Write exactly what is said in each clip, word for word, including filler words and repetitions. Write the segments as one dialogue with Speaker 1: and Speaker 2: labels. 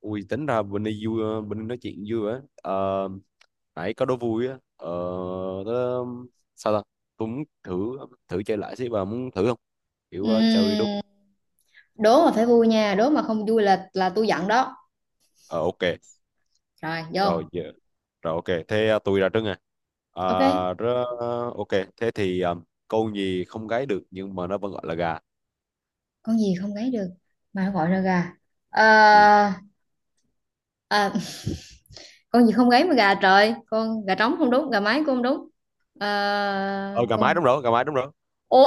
Speaker 1: Ui, tính ra bên đây vui, bên đây nói chuyện vui á. Ờ, nãy có đố vui á. Ờ, tớ- sao ta? Tôi muốn thử thử chơi lại xí, bà muốn thử không? Kiểu ờ, chơi đúng.
Speaker 2: Ừm, Đố mà phải vui nha, đố mà không vui là là tôi giận đó.
Speaker 1: Ờ, ok.
Speaker 2: Rồi
Speaker 1: Rồi
Speaker 2: vô.
Speaker 1: giờ. Rồi ok, thế ờ, tôi ra trước nè. Ờ,
Speaker 2: OK,
Speaker 1: rớ- ok. Thế thì ờ, con gì không gáy được nhưng mà nó vẫn gọi là gà?
Speaker 2: con gì không gáy được mà nó gọi là gà?
Speaker 1: Ừ.
Speaker 2: Ờ, À, con gì không gáy mà gà trời? Con gà trống không đúng, gà mái cũng không đúng. Ờ,
Speaker 1: Ờ, gà mái
Speaker 2: con...
Speaker 1: đúng rồi, gà mái đúng rồi.
Speaker 2: Ô.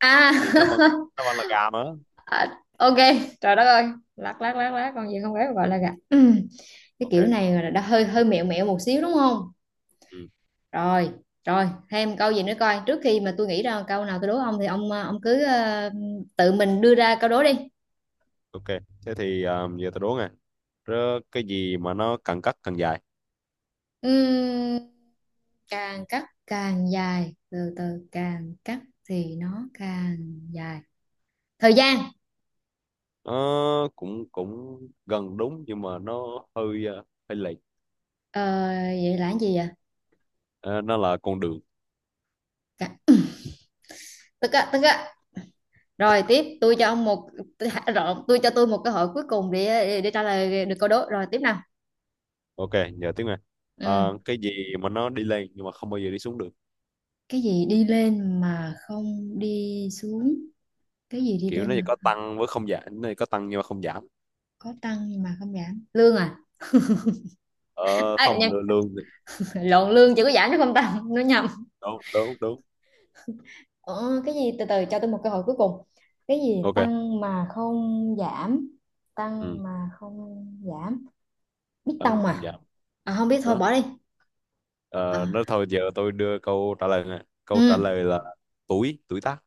Speaker 2: À,
Speaker 1: Thì nó vẫn nó vẫn là gà mà.
Speaker 2: à, OK. Trời đất ơi. Lát lát lát lát con gì không gáy mà gọi là gà? Ừm, cái
Speaker 1: Ok.
Speaker 2: kiểu này là đã hơi hơi mẹo mẹo một xíu đúng không?
Speaker 1: Ừ.
Speaker 2: Rồi rồi thêm câu gì nữa coi, trước khi mà tôi nghĩ ra câu nào tôi đố ông thì ông ờ, ông cứ ờ, tự mình đưa ra câu đố đi.
Speaker 1: Ok, thế thì ờ, giờ tôi đố nè. Rớ, cái gì mà nó càng cắt càng dài?
Speaker 2: Ừm, Càng cắt càng dài, từ từ càng cắt thì nó càng dài. Thời gian.
Speaker 1: Ờ, cũng cũng gần đúng nhưng mà nó hơi ờ, hơi lệch.
Speaker 2: ờ, Vậy là cái gì vậy?
Speaker 1: Ờ, nó là con đường.
Speaker 2: Cả- Tức á, tức á. Rồi tiếp, tôi cho ông một rồi tôi cho tôi một cơ hội cuối cùng để để trả lời được câu đố. Rồi tiếp nào.
Speaker 1: Ok, giờ tiếng này.
Speaker 2: Ừ.
Speaker 1: Ờ, cái gì mà nó đi lên nhưng mà không bao giờ đi xuống được?
Speaker 2: Cái gì đi lên mà không đi xuống? Cái gì đi
Speaker 1: Kiểu nó
Speaker 2: lên
Speaker 1: chỉ
Speaker 2: mà
Speaker 1: có tăng với không giảm, nó chỉ có tăng nhưng mà không giảm.
Speaker 2: có tăng nhưng mà không giảm? Lương à?
Speaker 1: Ờ,
Speaker 2: à,
Speaker 1: không,
Speaker 2: nhầm,
Speaker 1: lương lương thì-
Speaker 2: Lộn, lương chỉ có giảm chứ không tăng, nó nhầm.
Speaker 1: đúng, đúng, đúng.
Speaker 2: ờ, cái gì? Từ từ cho tôi một cơ hội cuối cùng. Cái gì
Speaker 1: Ok.
Speaker 2: tăng mà không giảm?
Speaker 1: Ừ,
Speaker 2: Tăng mà không giảm, biết
Speaker 1: tăng
Speaker 2: tông
Speaker 1: mà không
Speaker 2: mà.
Speaker 1: giảm
Speaker 2: À, không biết, thôi
Speaker 1: đó.
Speaker 2: bỏ đi. Ờ.
Speaker 1: Ờ, nó thôi giờ tôi đưa câu trả lời nè, câu trả
Speaker 2: Ừ.
Speaker 1: lời là tuổi tuổi tác.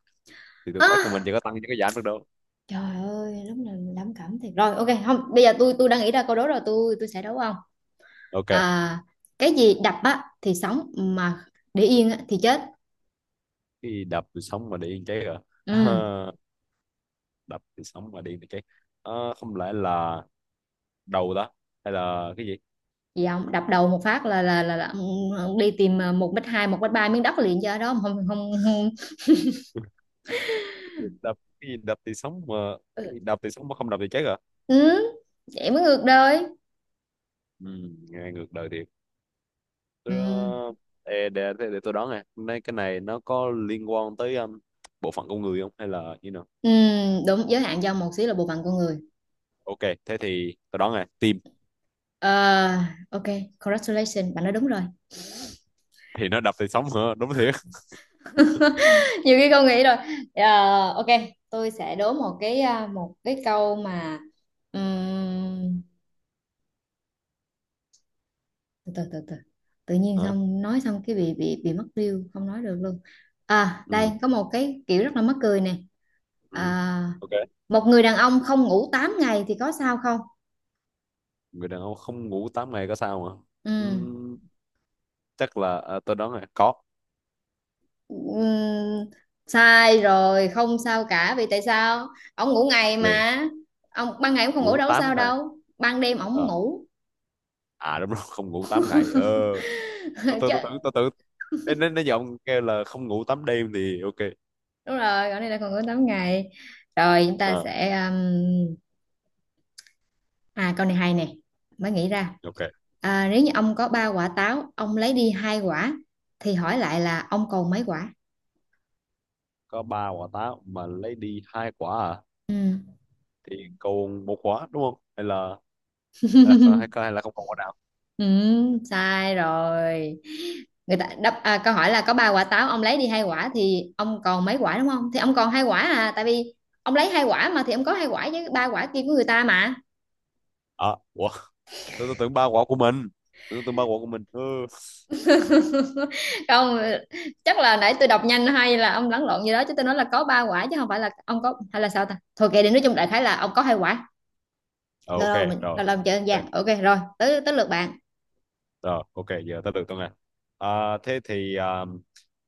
Speaker 1: Thì tuổi
Speaker 2: Ơ,
Speaker 1: tác của mình chỉ có tăng chứ có giảm được đâu.
Speaker 2: trời ơi lúc nào mình lắm cảm thiệt rồi. OK, không, bây giờ tôi tôi đang nghĩ ra câu đố rồi, tôi tôi sẽ đấu không.
Speaker 1: Ok.
Speaker 2: À, cái gì đập á thì sống, mà để yên á thì chết?
Speaker 1: Cái đập tôi sống mà để yên cháy rồi.
Speaker 2: Ừ.
Speaker 1: Đập thì sống mà đi thì chết. Ờ, không lẽ là đầu đó, hay là cái gì?
Speaker 2: Gì không đập đầu một phát là là là, là đi tìm, à, một mét hai một mét ba miếng đất liền cho đó. Không, không, không.
Speaker 1: Đập cái gì đập thì sống mà? Cái
Speaker 2: Ừ.
Speaker 1: gì đập thì sống mà không đập thì chết à?
Speaker 2: Ừ, vậy mới ngược đời.
Speaker 1: Ừ, nghe ngược đời thiệt. Tôi,
Speaker 2: Ừ.
Speaker 1: ờ, ê, để, để, để tôi đoán nè, nay cái này nó có liên quan tới um, bộ phận con người không, hay là như nào?
Speaker 2: Ừ, đúng giới hạn do một xíu là bộ phận của người.
Speaker 1: Ok, thế thì tôi đoán nè, tim.
Speaker 2: Ờ, OK, congratulations bạn nói đúng rồi.
Speaker 1: Thì nó đập thì sống hả? Đúng thiệt?
Speaker 2: Nhiều khi con nghĩ rồi. Ờ, OK, tôi sẽ đố một cái, à, một cái câu mà ừm, từ từ từ từ tự nhiên
Speaker 1: Hả?
Speaker 2: xong nói xong cái bị bị bị mất điêu không nói được luôn. À đây
Speaker 1: Ừ.
Speaker 2: có một cái kiểu rất là mắc cười nè.
Speaker 1: Ừ.
Speaker 2: À,
Speaker 1: Ok.
Speaker 2: một người đàn ông không ngủ tám ngày thì có sao không?
Speaker 1: Người đàn ông không ngủ tám ngày có sao mà?
Speaker 2: Ừ.
Speaker 1: Ừm, chắc là à, tôi đoán là có.
Speaker 2: Ừm, Sai rồi, không sao cả. Vì tại sao? Ông ngủ ngày
Speaker 1: về
Speaker 2: mà, ông ban ngày ông không ngủ
Speaker 1: Ngủ
Speaker 2: đâu có
Speaker 1: tám
Speaker 2: sao
Speaker 1: ngày.
Speaker 2: đâu, ban đêm ông muốn
Speaker 1: Ờ.
Speaker 2: ngủ.
Speaker 1: À, đúng rồi, không ngủ tám ngày Ờ, tao tưởng
Speaker 2: Chứ
Speaker 1: tao tưởng tao tưởng Nên nên nên giờ kêu là không ngủ tám đêm thì ok.
Speaker 2: đúng rồi, gọi này là còn ngủ tám ngày. Rồi chúng ta
Speaker 1: Ờ,
Speaker 2: sẽ um, À câu này hay nè, mới nghĩ ra.
Speaker 1: ok.
Speaker 2: À, nếu như ông có ba quả táo, ông lấy đi hai quả, thì hỏi lại là ông còn mấy quả?
Speaker 1: Có ba quả táo mà lấy đi hai quả à?
Speaker 2: Ừ.
Speaker 1: Thì còn một quả đúng không? Hay là hay là hay, hay là không còn quả nào.
Speaker 2: Ừ, sai rồi. Người ta đáp, à, câu hỏi là có ba quả táo, ông lấy đi hai quả thì ông còn mấy quả đúng không? Thì ông còn hai quả, à, tại vì ông lấy hai quả mà, thì ông có hai quả với ba quả kia của người ta mà.
Speaker 1: À, ủa. Tôi, tôi tưởng ba quả của mình, tôi tưởng ba quả của mình. Ừ.
Speaker 2: Không, chắc là nãy tôi đọc nhanh hay là ông lẫn lộn gì đó, chứ tôi nói là có ba quả chứ không phải là ông có, hay là sao ta? Thôi kệ đi, nói chung đại khái là ông có hai quả.
Speaker 1: Ờ,
Speaker 2: lâu
Speaker 1: ok.
Speaker 2: lâu mình
Speaker 1: Rồi,
Speaker 2: lâu lâu mình chơi đơn
Speaker 1: ok.
Speaker 2: giản, OK, rồi tới tới lượt bạn.
Speaker 1: Rồi ok, giờ tới được tôi nghe. À, thế thì à,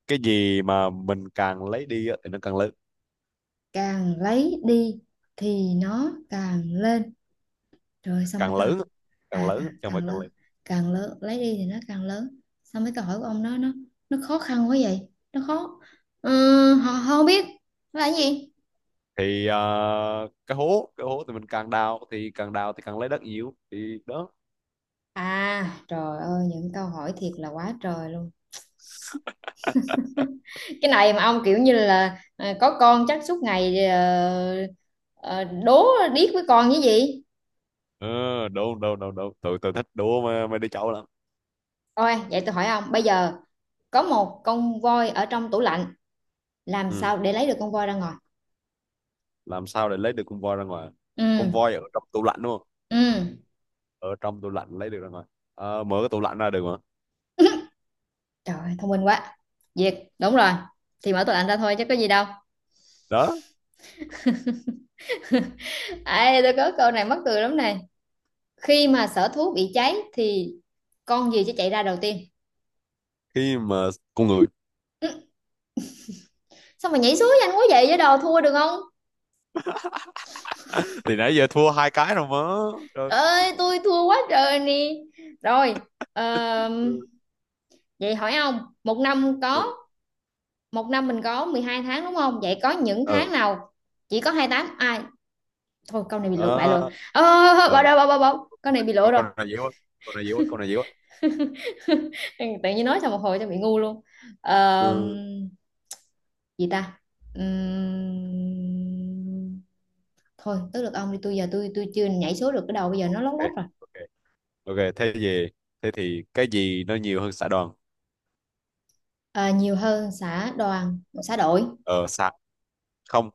Speaker 1: cái gì mà mình càng lấy đi á, thì nó càng lớn.
Speaker 2: Càng lấy đi thì nó càng lên, rồi xong mấy
Speaker 1: Càng
Speaker 2: câu.
Speaker 1: lớn á, càng
Speaker 2: À
Speaker 1: lớn á,
Speaker 2: càng,
Speaker 1: chứ không phải
Speaker 2: càng
Speaker 1: càng.
Speaker 2: lớn. Càng lớn, lấy đi thì nó càng lớn. Xong mấy câu hỏi của ông nó nó nó khó khăn quá vậy, nó khó. Ừ, họ họ không biết nó là cái gì.
Speaker 1: Thì ờ, cái hố cái hố thì mình càng đào, thì càng đào thì càng lấy đất nhiều thì đó.
Speaker 2: À trời ơi, những câu hỏi thiệt là quá trời luôn. Cái này mà ông kiểu như là, à, có con chắc suốt ngày ờ, ờ, đố điếc với con như gì.
Speaker 1: Ờ, đúng, đúng, đúng, đúng. Tụi tụi thích đùa mà, mấy đứa cháu lắm.
Speaker 2: Thôi vậy tôi hỏi ông bây giờ, có một con voi ở trong tủ lạnh, làm
Speaker 1: Ừ.
Speaker 2: sao để lấy được con voi ra ngoài?
Speaker 1: Làm sao để lấy được con voi ra ngoài? Con
Speaker 2: Ừ.
Speaker 1: voi ở trong tủ lạnh đúng không?
Speaker 2: Ừ.
Speaker 1: Ở trong tủ lạnh lấy được ra ngoài. Ờ, mở cái tủ lạnh ra được mà.
Speaker 2: Trời ơi, thông minh quá, Việt đúng rồi. Thì mở tủ lạnh ra thôi chứ có gì đâu.
Speaker 1: Đó.
Speaker 2: Ê, tôi có câu này mắc cười lắm này, khi mà sở thú bị cháy thì con gì sẽ chạy ra đầu tiên?
Speaker 1: Khi mà con người.
Speaker 2: Sao mà nhảy xuống nhanh quá vậy, với đồ thua được không?
Speaker 1: Thì nãy giờ thua hai cái rồi mà. Trời.
Speaker 2: Trời ơi tôi thua quá trời nè. Rồi. ờm,
Speaker 1: Ừ.
Speaker 2: Vậy hỏi ông một năm
Speaker 1: Ừ.
Speaker 2: có... Một năm mình có mười hai tháng đúng không, vậy có những tháng
Speaker 1: ờ
Speaker 2: nào chỉ có hai mươi tám? À thôi câu này bị lột bại
Speaker 1: ờ
Speaker 2: rồi. Ờ ờ, ờ, ờ, bỏ
Speaker 1: ờ,
Speaker 2: đâu, bỏ bỏ bỏ câu này bị lỗi
Speaker 1: con
Speaker 2: rồi.
Speaker 1: con- Này dễ quá, con này dễ quá, con này dễ quá.
Speaker 2: Tự nhiên nói xong một hồi cho bị ngu luôn. Ờ,
Speaker 1: Ừ.
Speaker 2: gì ta? Ừm, Thôi tới lượt ông đi, tôi giờ tôi tôi chưa nhảy số được, cái đầu bây giờ nó lót
Speaker 1: Ok.
Speaker 2: lót rồi.
Speaker 1: Ok. Ok, thế gì? Thế thì cái gì nó nhiều hơn xã đoàn?
Speaker 2: Ờ, nhiều hơn xã đoàn, xã đội?
Speaker 1: Ờ, xã. Không,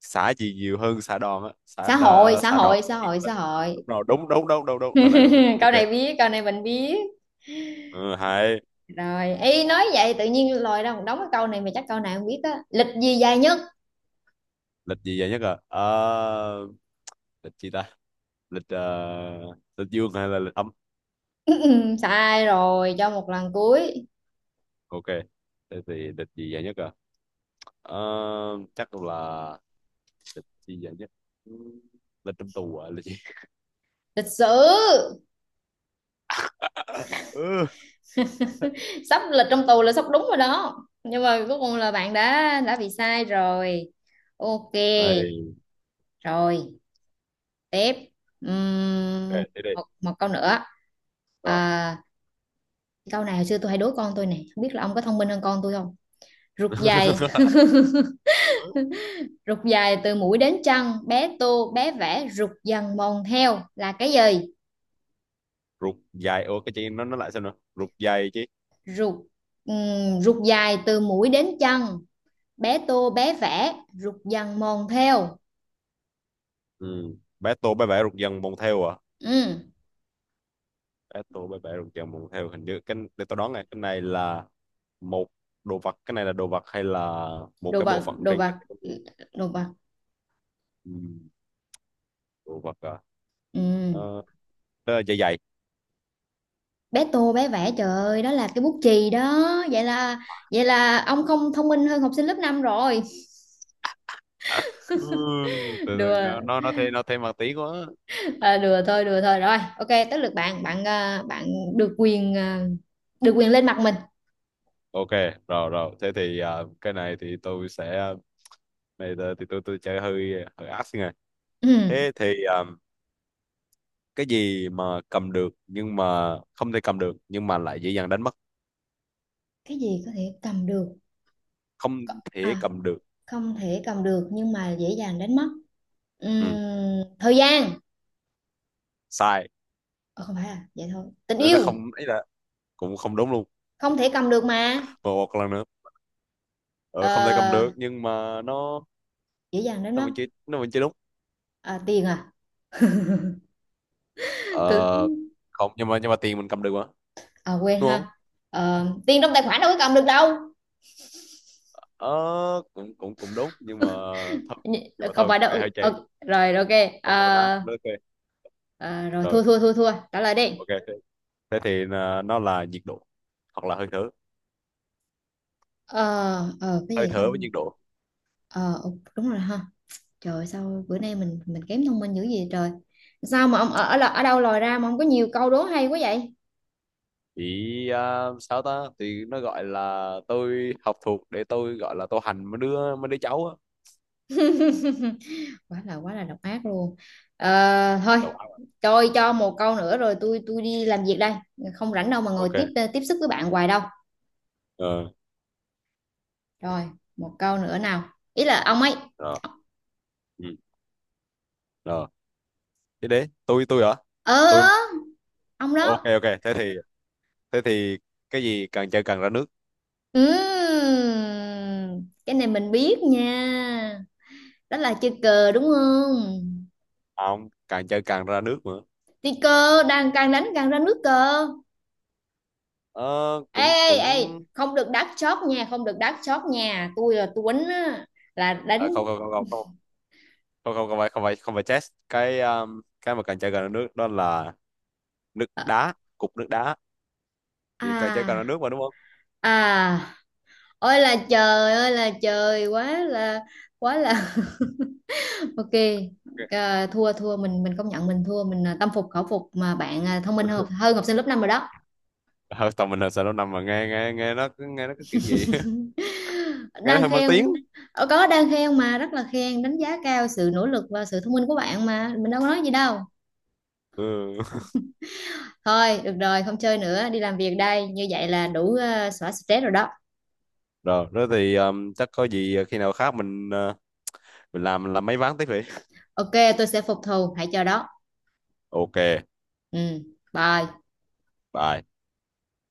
Speaker 1: xã gì nhiều hơn xã đòn á? Xã
Speaker 2: xã hội
Speaker 1: đo-
Speaker 2: xã
Speaker 1: xã đòn.
Speaker 2: hội xã hội xã
Speaker 1: Đúng
Speaker 2: hội.
Speaker 1: rồi, đúng, đúng, đúng, đúng, đúng lần này, đúng này. Ok.
Speaker 2: Câu này biết, câu này mình biết
Speaker 1: Ừ, hay.
Speaker 2: rồi, ý nói vậy. Tự nhiên lòi ra một đống, cái câu này mà chắc câu này không biết á. Lịch gì dài nhất?
Speaker 1: Lịch gì vậy nhất à? Ờ, lịch gì ta? Lịch ờ, lịch dương hay là lịch âm?
Speaker 2: Sai rồi, cho một lần cuối.
Speaker 1: Ok, thế thì lịch gì vậy nhất à? Ờ, chắc là lịch gì vậy nhất. Ừ, lịch trong tù à, lịch gì?
Speaker 2: Lịch sử.
Speaker 1: Ừ.
Speaker 2: Sắp, lịch trong tù là sắp đúng rồi đó, nhưng mà cuối cùng là bạn đã đã bị sai rồi. OK
Speaker 1: Đây,
Speaker 2: rồi tiếp. Ừm,
Speaker 1: ok, thế đi.
Speaker 2: một một câu nữa.
Speaker 1: Rồi.
Speaker 2: À, câu này hồi xưa tôi hay đố con tôi này, không biết là ông có thông minh hơn con tôi không. Rụt dài. Rụt dài từ mũi đến chân, bé tô bé vẽ rụt dần mòn theo là cái gì?
Speaker 1: Rụt dài, ủa cái chuyện nó nó lại sao nữa, rụt dài chứ.
Speaker 2: Rụt, ừm, rụt dài từ mũi đến chân, bé tô bé vẽ rụt dần mòn theo.
Speaker 1: Ừ. Battle bãi vẽ rục dần bồng theo à?
Speaker 2: Ừm.
Speaker 1: Battle bãi vẽ rục dần bồng theo, hình như cái, để tôi đoán này, cái này là một đồ vật, cái này là đồ vật hay là một
Speaker 2: đồ
Speaker 1: cái bộ
Speaker 2: vật
Speaker 1: phận
Speaker 2: đồ
Speaker 1: trên cơ
Speaker 2: vật
Speaker 1: thể con người?
Speaker 2: đồ vật.
Speaker 1: Ừ. Đồ vật à?
Speaker 2: Ừ.
Speaker 1: Ờ, đó là dây dày.
Speaker 2: Bé tô bé vẽ, trời ơi, đó là cái bút chì đó. Vậy là vậy là ông không thông minh hơn học sinh lớp năm rồi.
Speaker 1: Ừ, từ từ,
Speaker 2: Đùa.
Speaker 1: nó nó nó thêm, nó thêm mặt tí quá.
Speaker 2: À, đùa thôi, đùa thôi, rồi OK, tới lượt bạn. Bạn, à, bạn được quyền, à, được quyền lên mặt mình.
Speaker 1: Ok, rồi rồi thế thì à, cái này thì tôi sẽ, này là- thì tôi tôi chơi hơi hơi ác xin này.
Speaker 2: Ừ.
Speaker 1: Thế thì à, cái gì mà cầm được, nhưng mà không thể cầm được nhưng mà lại dễ dàng đánh mất?
Speaker 2: Cái gì có thể cầm được?
Speaker 1: Không thể
Speaker 2: À,
Speaker 1: cầm được.
Speaker 2: không thể cầm được nhưng mà dễ dàng đánh mất. Ừm,
Speaker 1: Ừ.
Speaker 2: thời gian.
Speaker 1: Sai.
Speaker 2: Ờ, không phải à, vậy thôi, tình
Speaker 1: Nên nó
Speaker 2: yêu.
Speaker 1: không ấy, là cũng không đúng luôn.
Speaker 2: Không thể cầm được mà.
Speaker 1: Và một lần nữa. Ờ, không thể cầm
Speaker 2: Ờ,
Speaker 1: được nhưng mà nó
Speaker 2: dễ dàng đánh
Speaker 1: nó
Speaker 2: mất.
Speaker 1: vẫn chưa, nó vẫn chưa đúng.
Speaker 2: À, tiền à?
Speaker 1: Ờ,
Speaker 2: Tôi...
Speaker 1: không, nhưng mà nhưng mà tiền mình cầm được mà
Speaker 2: à quên
Speaker 1: đúng
Speaker 2: ha.
Speaker 1: không?
Speaker 2: Ờ, tiền trong tài khoản đâu có cầm được đâu.
Speaker 1: Ờ, cũng cũng cũng đúng nhưng mà thôi,
Speaker 2: Nh-
Speaker 1: nhưng mà
Speaker 2: Không
Speaker 1: thôi
Speaker 2: phải
Speaker 1: cái
Speaker 2: đâu.
Speaker 1: này hơi chày.
Speaker 2: Ờ, rồi rồi, OK.
Speaker 1: Thôi
Speaker 2: Ờ,
Speaker 1: cầm đá nó ok.
Speaker 2: ờ, rồi,
Speaker 1: Rồi.
Speaker 2: thua thua thua thua trả lời đi.
Speaker 1: Ok, thế thì à, nó là nhiệt độ hoặc là hơi thở.
Speaker 2: Ờ. Ờ, cái
Speaker 1: Hơi
Speaker 2: gì
Speaker 1: thở với
Speaker 2: không.
Speaker 1: nhiệt độ.
Speaker 2: Ờ OK, đúng rồi ha. Trời ơi, sao bữa nay mình mình kém thông minh dữ gì trời. Sao mà ông ở ở, ở đâu lòi ra mà ông có nhiều câu đố hay quá vậy?
Speaker 1: Thì à, sao ta? Thì nó gọi là tôi học thuộc để tôi gọi là tôi hành mấy đứa mấy đứa cháu á.
Speaker 2: quá là quá là độc ác luôn. Ờ, thôi,
Speaker 1: Đầu óc. À?
Speaker 2: tôi cho một câu nữa rồi tôi tôi đi làm việc đây. Không rảnh đâu mà ngồi
Speaker 1: Ok.
Speaker 2: tiếp tiếp sức với bạn hoài đâu.
Speaker 1: Ờ.
Speaker 2: Rồi, một câu nữa nào. Ý là ông ấy.
Speaker 1: Rồi. Ừ. Rồi. Thế đấy, tôi tôi hả?
Speaker 2: Ờ,
Speaker 1: Tôi.
Speaker 2: ông
Speaker 1: Ok,
Speaker 2: đó.
Speaker 1: ok, thế thì thế thì cái gì càng chơi càng ra nước?
Speaker 2: Ừm, cái này mình biết nha. Đó là chơi cờ đúng không?
Speaker 1: À không, càng chơi càng ra nước nữa.
Speaker 2: Đi cờ, đang càng đánh càng ra nước cờ.
Speaker 1: Ờ,
Speaker 2: Ê,
Speaker 1: cũng
Speaker 2: ê, ê,
Speaker 1: cũng
Speaker 2: không được đắt chót nha, không được đắt chót nha. Tôi là tôi đánh á, là
Speaker 1: à,
Speaker 2: đánh...
Speaker 1: không, không, không, không, không, không, không, không phải, không phải, không phải chess. Cái um, cái mà càng chơi càng ra nước đó là nước
Speaker 2: Ờ.
Speaker 1: đá, cục nước đá. Thì càng chơi càng ra
Speaker 2: À,
Speaker 1: nước mà đúng không?
Speaker 2: à, ôi là trời ơi là trời, quá là, quá là... OK,
Speaker 1: Ok.
Speaker 2: à, thua thua mình mình công nhận mình thua, mình, à, tâm phục khẩu phục mà bạn, à, thông minh hơn hơn học sinh lớp năm rồi đó.
Speaker 1: Ờ, tầm mình là sao nó nằm mà nghe, nghe nghe nó cứ- nghe nó cái kiểu gì. Nghe nó
Speaker 2: Đang
Speaker 1: hơi mất
Speaker 2: khen,
Speaker 1: tiếng.
Speaker 2: ờ, có đang khen mà, rất là khen, đánh giá cao sự nỗ lực và sự thông minh của bạn mà mình đâu có nói gì đâu.
Speaker 1: Ừ.
Speaker 2: Thôi được rồi không chơi nữa, đi làm việc đây, như vậy là đủ, à, xóa stress rồi đó.
Speaker 1: Rồi đó, thì um, chắc có gì khi nào khác mình, uh, mình làm làm mấy ván tiếp vậy.
Speaker 2: OK, tôi sẽ phục thù, hãy chờ đó.
Speaker 1: Ok,
Speaker 2: Ừ, bye.
Speaker 1: bye.